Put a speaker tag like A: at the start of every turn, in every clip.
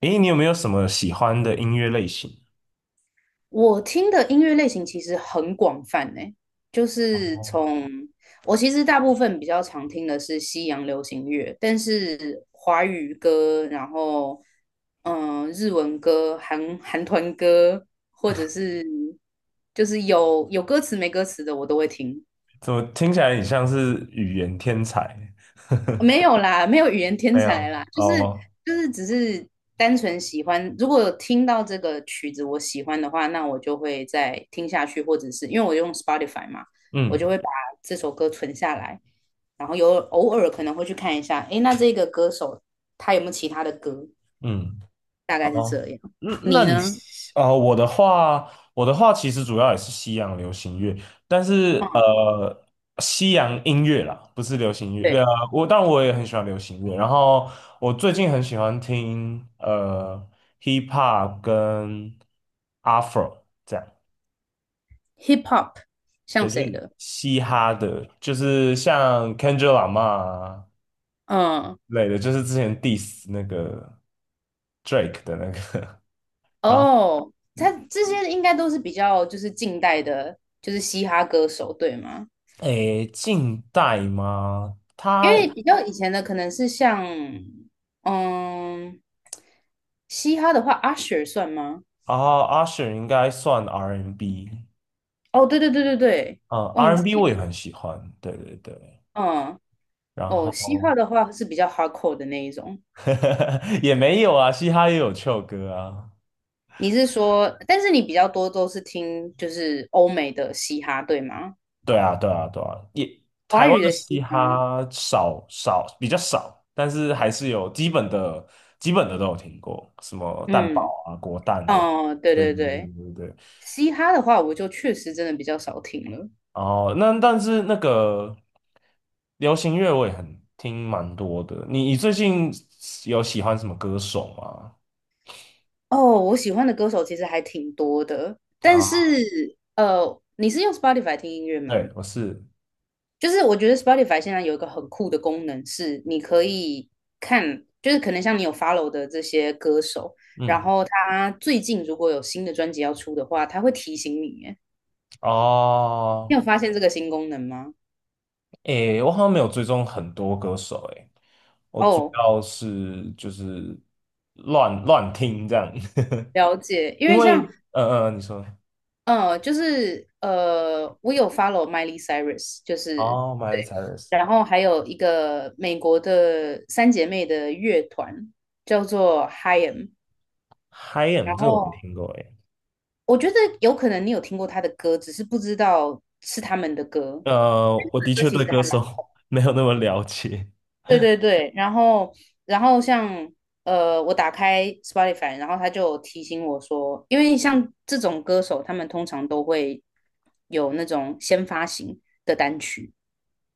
A: 诶，你有没有什么喜欢的音乐类型？
B: 我听的音乐类型其实很广泛呢。就是
A: 哦，
B: 从我其实大部分比较常听的是西洋流行乐，但是华语歌，然后日文歌、韩团歌，或者是就是有歌词没歌词的我都会听。
A: 怎么听起来你像是语言天才？
B: 没有啦，没有语言天
A: 没
B: 才
A: 有，
B: 啦，就是
A: 哦，
B: 就是只是单纯喜欢。如果有听到这个曲子我喜欢的话，那我就会再听下去，或者是因为我用 Spotify 嘛，我就
A: 嗯
B: 会把这首歌存下来，然后有偶尔可能会去看一下，诶，那这个歌手他有没有其他的歌？
A: 嗯，
B: 大概是
A: 哦，
B: 这样。
A: 那那
B: 你
A: 你
B: 呢？
A: 哦，我的话其实主要也是西洋流行乐，但是
B: 嗯，
A: 西洋音乐啦，不是流行乐。
B: 对
A: 我当然我也很喜欢流行乐，然后我最近很喜欢听hip hop 跟 afro 这样。
B: ，Hip Hop 像
A: 对，就
B: 谁
A: 是
B: 的？
A: 嘻哈的，就是像 Kendrick Lamar 啊
B: 嗯，
A: 之类的，就是之前 diss 那个 Drake 的那个，然后
B: 哦，他
A: 嗯
B: 这些应该都是比较就是近代的，就是嘻哈歌手，对吗？
A: 诶，近代吗？
B: 因
A: 他
B: 为比较以前的可能是像，嗯，嘻哈的话，Usher 算吗？
A: 啊，Usher 应该算 R&B，N
B: 哦，对对对对对，
A: 嗯
B: 忘
A: ，R&B N
B: 记
A: 我也
B: 了，
A: 很喜欢，对对对，
B: 嗯，
A: 然
B: 哦，嘻哈
A: 后
B: 的话是比较 hardcore 的那一种。
A: 也没有啊，嘻哈也有 c h 歌啊，
B: 你是说，但是你比较多都是听就是欧美的嘻哈，对吗？
A: 对啊，对啊，对啊，也
B: 华
A: 台湾
B: 语
A: 的
B: 的嘻
A: 嘻
B: 哈，
A: 哈比较少，但是还是有基本的都有听过，什么蛋
B: 嗯，
A: 堡啊、果蛋啊，
B: 哦，对
A: 对
B: 对
A: 对对
B: 对，
A: 对对对。
B: 嘻哈的话我就确实真的比较少听了。
A: 哦，那但是那个流行乐我也很听蛮多的，你最近有喜欢什么歌手吗？
B: 哦，我喜欢的歌手其实还挺多的，但
A: 啊，
B: 是你是用 Spotify 听音乐吗？
A: 对，我是
B: 就是我觉得 Spotify 现在有一个很酷的功能，是你可以看，就是可能像你有 follow 的这些歌手，然
A: 嗯
B: 后他最近如果有新的专辑要出的话，他会提醒你耶。你
A: 哦。
B: 有发现这个新功能吗？
A: 诶，我好像没有追踪很多歌手，诶，我主
B: 哦，
A: 要是就是乱乱听这样，
B: 了解，因
A: 因
B: 为像
A: 为你说
B: 就是我有 follow Miley Cyrus，就是
A: 哦，Miley Cyrus，Hi
B: 然后还有一个美国的三姐妹的乐团叫做 Hym，
A: m
B: 然
A: 这个我没
B: 后
A: 听过，诶，
B: 我觉得有可能你有听过她的歌，只是不知道是他们的歌。
A: 我的
B: 歌
A: 确
B: 其
A: 对
B: 实
A: 歌
B: 还蛮
A: 手 没有那么了解，
B: 对对对，然后我打开 Spotify，然后他就提醒我说，因为像这种歌手，他们通常都会有那种先发行的单曲，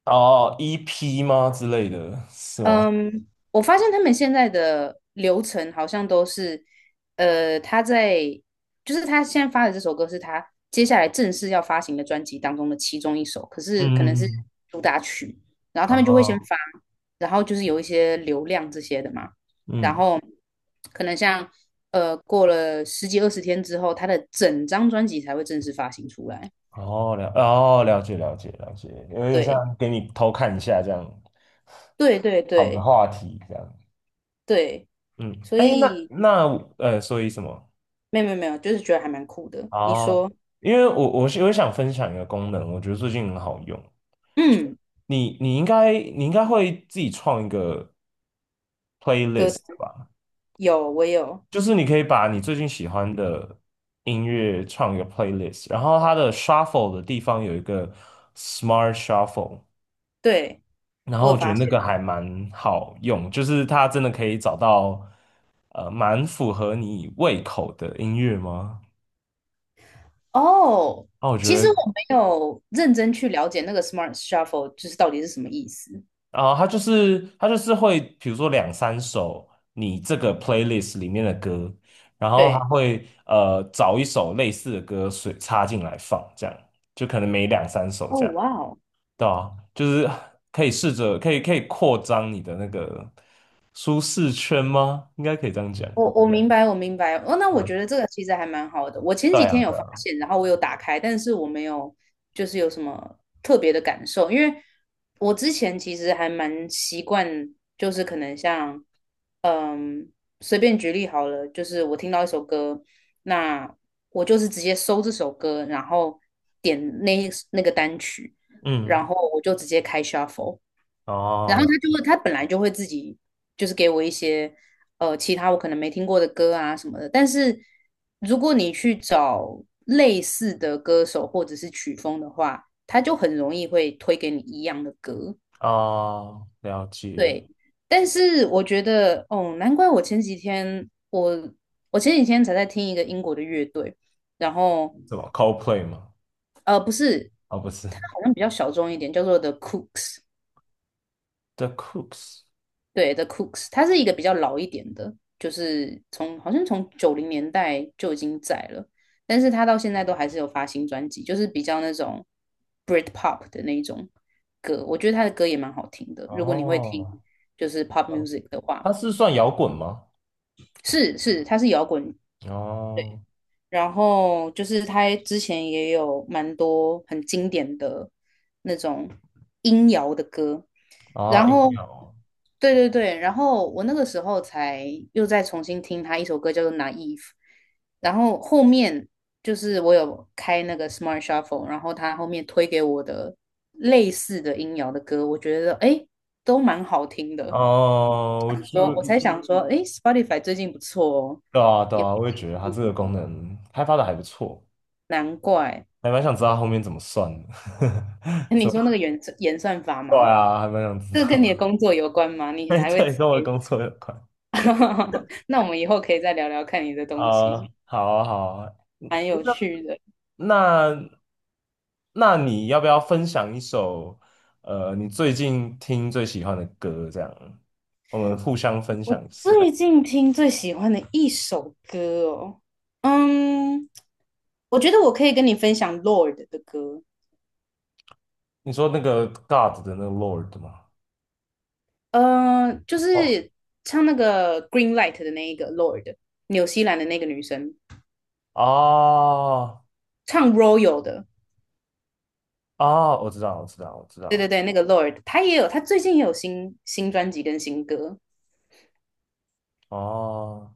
A: 哦，EP 吗之类的是吗？
B: 嗯，我发现他们现在的流程好像都是，呃，他在就是他现在发的这首歌是他接下来正式要发行的专辑当中的其中一首，可是可能是
A: 嗯，
B: 主打曲，然后他们就会先
A: 哦，
B: 发，然后就是有一些流量这些的嘛，然
A: 嗯，
B: 后可能像过了十几二十天之后，他的整张专辑才会正式发行出来。
A: 哦了解了解了解，有点像
B: 对，
A: 给你偷看一下这样，
B: 对对
A: 好个
B: 对
A: 话题这样。
B: 对，
A: 嗯，
B: 所
A: 哎，那
B: 以
A: 那所以什么？
B: 没有没有没有，就是觉得还蛮酷的。你
A: 哦，
B: 说？
A: 因为我想分享一个功能，我觉得最近很好用。
B: 嗯，
A: 你应该会自己创一个
B: 哥
A: playlist 的吧？
B: 有，我有，
A: 就是你可以把你最近喜欢的音乐创一个 playlist,然后它的 shuffle 的地方有一个 smart shuffle,
B: 对，
A: 然后
B: 我有
A: 我觉得
B: 发
A: 那
B: 现。
A: 个还蛮好用，就是它真的可以找到蛮符合你胃口的音乐吗？
B: 哦，
A: 那我
B: 其
A: 觉
B: 实
A: 得
B: 我没有认真去了解那个 Smart Shuffle 就是到底是什么意思。
A: 然后他就是会，比如说两三首你这个 playlist 里面的歌，然后他
B: 对，
A: 会找一首类似的歌随插进来放，这样就可能每两三首
B: 哦，
A: 这样，
B: 哇哦，
A: 对啊，就是可以试着可以扩张你的那个舒适圈吗？应该可以这样讲。
B: 我明啊白，我明白。哦，那我
A: 嗯，
B: 觉得这个其实还蛮好的。我前
A: 对
B: 几
A: 啊，
B: 天有
A: 对
B: 发
A: 啊，
B: 现，然后我有打开，但是我没有就是有什么特别的感受，因为我之前其实还蛮习惯，就是可能像，嗯，随便举例好了，就是我听到一首歌，那我就是直接搜这首歌，然后点那个单曲，然
A: 嗯，
B: 后我就直接开 shuffle。
A: 哦
B: 然后
A: 了
B: 他就会，他本来就会自己就是给我一些其他我可能没听过的歌啊什么的。但是如果你去找类似的歌手或者是曲风的话，他就很容易会推给你一样的歌。
A: 哦了解，
B: 对，但是我觉得哦，难怪我前几天才在听一个英国的乐队，然后
A: 什么 Coldplay 吗？
B: 不是，
A: 哦，不是
B: 它好像比较小众一点，叫做 The Cooks。
A: The Cooks。
B: 对，The Cooks，它是一个比较老一点的，就是好像从九零年代就已经在了，但是它到现在都还是有发新专辑，就是比较那种 Britpop 的那一种歌，我觉得他的歌也蛮好听的。如果你会听
A: 哦，
B: 就是 pop
A: 哦
B: music 的话，
A: 它是算摇滚吗？
B: 是是，它是摇滚，
A: 哦，
B: 然后就是他之前也有蛮多很经典的那种音摇的歌，
A: 啊，
B: 然
A: 音
B: 后
A: 乐哦，
B: 对对对，然后我那个时候才又再重新听他一首歌叫做《Naive》，然后后面就是我有开那个 Smart Shuffle，然后他后面推给我的类似的音摇的歌，我觉得诶都蛮好听的，
A: 哦，我注
B: 我才
A: 意，
B: 想说诶 Spotify 最近不错哦，
A: 对啊，对
B: 有
A: 啊，我也觉
B: 进
A: 得它
B: 步，
A: 这个功能开发的还不错，
B: 难怪。
A: 还蛮想知道它后面怎么算的，
B: 你
A: 怎
B: 说那个
A: 么
B: 演算法
A: 对
B: 吗？
A: 啊，还蛮想知
B: 这个跟
A: 道，
B: 你的工作有关吗？你
A: 哎
B: 还会
A: 对，
B: 特
A: 跟我的
B: 别
A: 工作有关
B: 那我们以后可以再聊聊看你的东
A: 啊，
B: 西，
A: 好啊，好啊，
B: 蛮有趣的。
A: 那那你要不要分享一首你最近听最喜欢的歌？这样，我们互相分
B: 我
A: 享一首。
B: 最近听最喜欢的一首歌哦，嗯，我觉得我可以跟你分享 Lord 的歌，
A: 你说那个 God 的那个 Lord 吗？
B: 就是唱那个 Green Light 的那一个 Lord，纽西兰的那个女生
A: 哦
B: 唱 Royal 的，
A: 哦，我知道，我知道，我知道
B: 对对
A: 了。
B: 对，那个 Lord，她也有，她最近也有新专辑跟新歌。
A: 哦，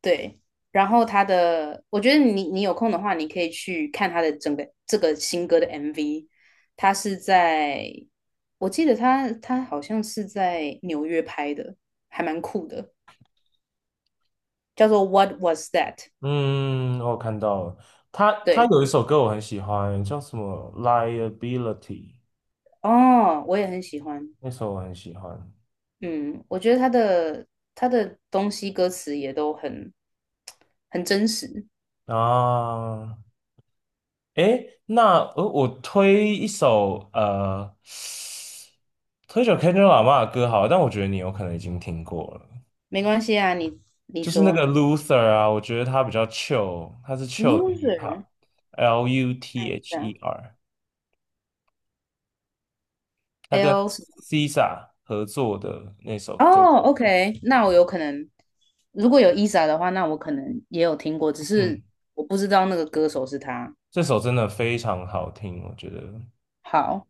B: 对，然后他的，我觉得你有空的话，你可以去看他的整个这个新歌的 MV。他是在，我记得他好像是在纽约拍的，还蛮酷的，叫做《What Was That》。
A: 嗯，我看到了。他
B: 对，
A: 有一首歌我很喜欢，叫什么《Liability》,
B: 哦，我也很喜欢。
A: 那首我很喜欢。
B: 嗯，我觉得他的东西歌词也都很真实。
A: 啊，诶，那我推一首 Kendrick Lamar 的歌好了但我觉得你有可能已经听过了，
B: 没关系啊，你
A: 就是那个
B: 说
A: Luther 啊，我觉得他比较 chill,他是 chill 的 hip
B: loser
A: hop，L U T
B: 这
A: H
B: 样
A: E R。他跟
B: ，L s 什
A: SZA 合作的那首歌，
B: 哦，OK，那我有可能，如果有 Isa 的话，那我可能也有听过，只是
A: 嗯，
B: 我不知道那个歌手是他。
A: 这首真的非常好听，我觉得，
B: 好，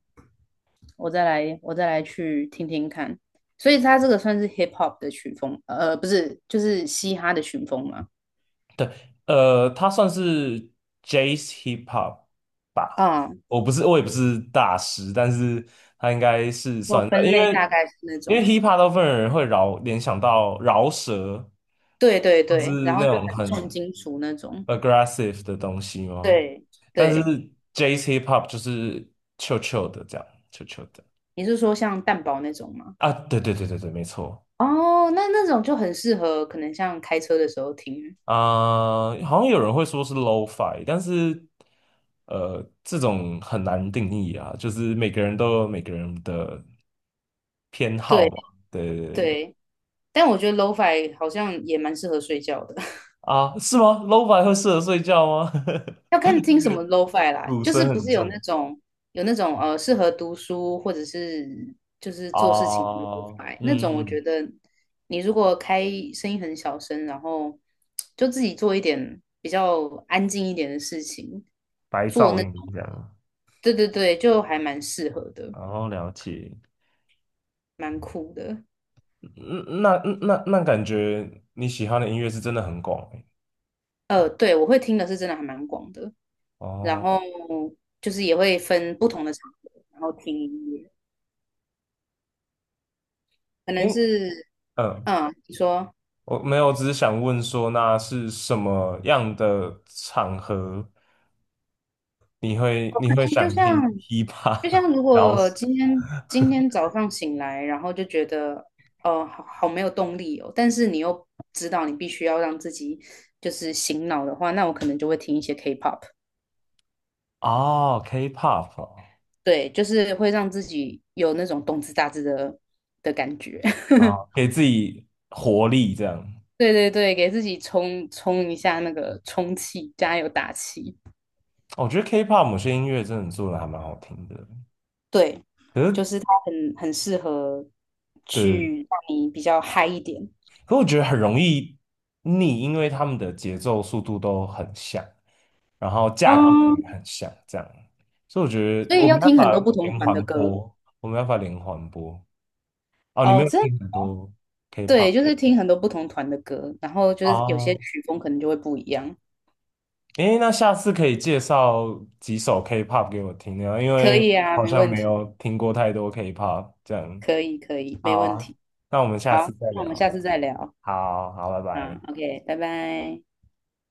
B: 我再来去听听看。所以他这个算是 hip hop 的曲风，不是，就是嘻哈的曲风嘛。
A: 他算是 Jazz Hip Hop 吧，
B: 啊，
A: 我不是，我也不是大师，但是他应该是
B: 我
A: 算在
B: 分
A: 因
B: 类大
A: 为
B: 概是那
A: 因为
B: 种，
A: Hip Hop 大部分人会联想到饶舌，
B: 对对
A: 或是
B: 对，然后
A: 那
B: 就
A: 种
B: 很重
A: 很
B: 金属那种。
A: aggressive 的东西哦。
B: 对
A: 但是
B: 对，
A: Jazz Hip Hop 就是 c h 的这样 c h 的
B: 你是说像蛋堡那种吗？
A: 啊，对对对对对，没错。
B: 哦，那种就很适合，可能像开车的时候听。
A: 啊、好像有人会说是 lo-fi，但是这种很难定义啊，就是每个人都有每个人的偏好
B: 对
A: 嘛。对对对对
B: 对，但我觉得 LoFi 好像也蛮适合睡觉的，
A: 啊，是吗？lo-fi 会适合睡觉吗？
B: 要 看听什么 LoFi 啦，
A: 鼓
B: 就
A: 声
B: 是不
A: 很
B: 是
A: 重
B: 有那种适合读书或者是就是做事情
A: 啊，
B: 的 LoFi 那
A: 嗯
B: 种，我觉
A: 嗯，
B: 得你如果开声音很小声，然后就自己做一点比较安静一点的事情，
A: 白
B: 做
A: 噪
B: 那
A: 音
B: 种，
A: 这样，
B: 对对对，就还蛮适合的，
A: 然后了解。
B: 蛮酷的。
A: 嗯那感觉你喜欢的音乐是真的很广欸
B: 对，我会听的是真的还蛮广的，然
A: 哦，
B: 后就是也会分不同的场合，然后听音乐。可能
A: 诶，
B: 是，
A: 嗯
B: 嗯，你说，
A: 我没有，只是想问说，那是什么样的场合你会
B: 就
A: 想
B: 像
A: 听 hip
B: 就像
A: hop
B: 如
A: 饶
B: 果
A: 舌？
B: 今天早上醒来，然后就觉得，哦，好好没有动力哦，但是你又知道你必须要让自己就是醒脑的话，那我可能就会听一些 K-pop，
A: 哦，K-pop 哦，
B: 对，就是会让自己有那种动次打次的感觉，
A: 啊，给自己活力这样。
B: 对对对，给自己充充一下那个充气，加油打气。
A: 我觉得 K-pop 某些音乐真的做的还蛮好听的，
B: 对，
A: 可
B: 就
A: 是
B: 是它很适合
A: 对，
B: 去让你比较嗨一点，
A: 可是我觉得很容易腻，因为他们的节奏速度都很像，然后架构
B: 嗯，
A: 也很像，这样，所以我觉
B: 所
A: 得
B: 以
A: 我们
B: 要
A: 要
B: 听
A: 把
B: 很多不同
A: 连
B: 团
A: 环
B: 的歌
A: 播，我们要把连环播。哦，你没
B: 哦，
A: 有听很多
B: 对，
A: K-pop
B: 就是听很多不同团的歌，然后就是有些
A: 哦，
B: 曲风可能就会不一样，
A: 诶，那下次可以介绍几首 K-pop 给我听呢？因
B: 可
A: 为
B: 以啊，
A: 好
B: 没
A: 像
B: 问
A: 没
B: 题，
A: 有听过太多 K-pop 这样。
B: 可以可以，没
A: 好
B: 问
A: 啊，
B: 题，
A: 那我们下
B: 好，
A: 次再
B: 那我们
A: 聊。
B: 下次再聊，
A: 好好，拜拜。
B: 啊，OK，拜拜。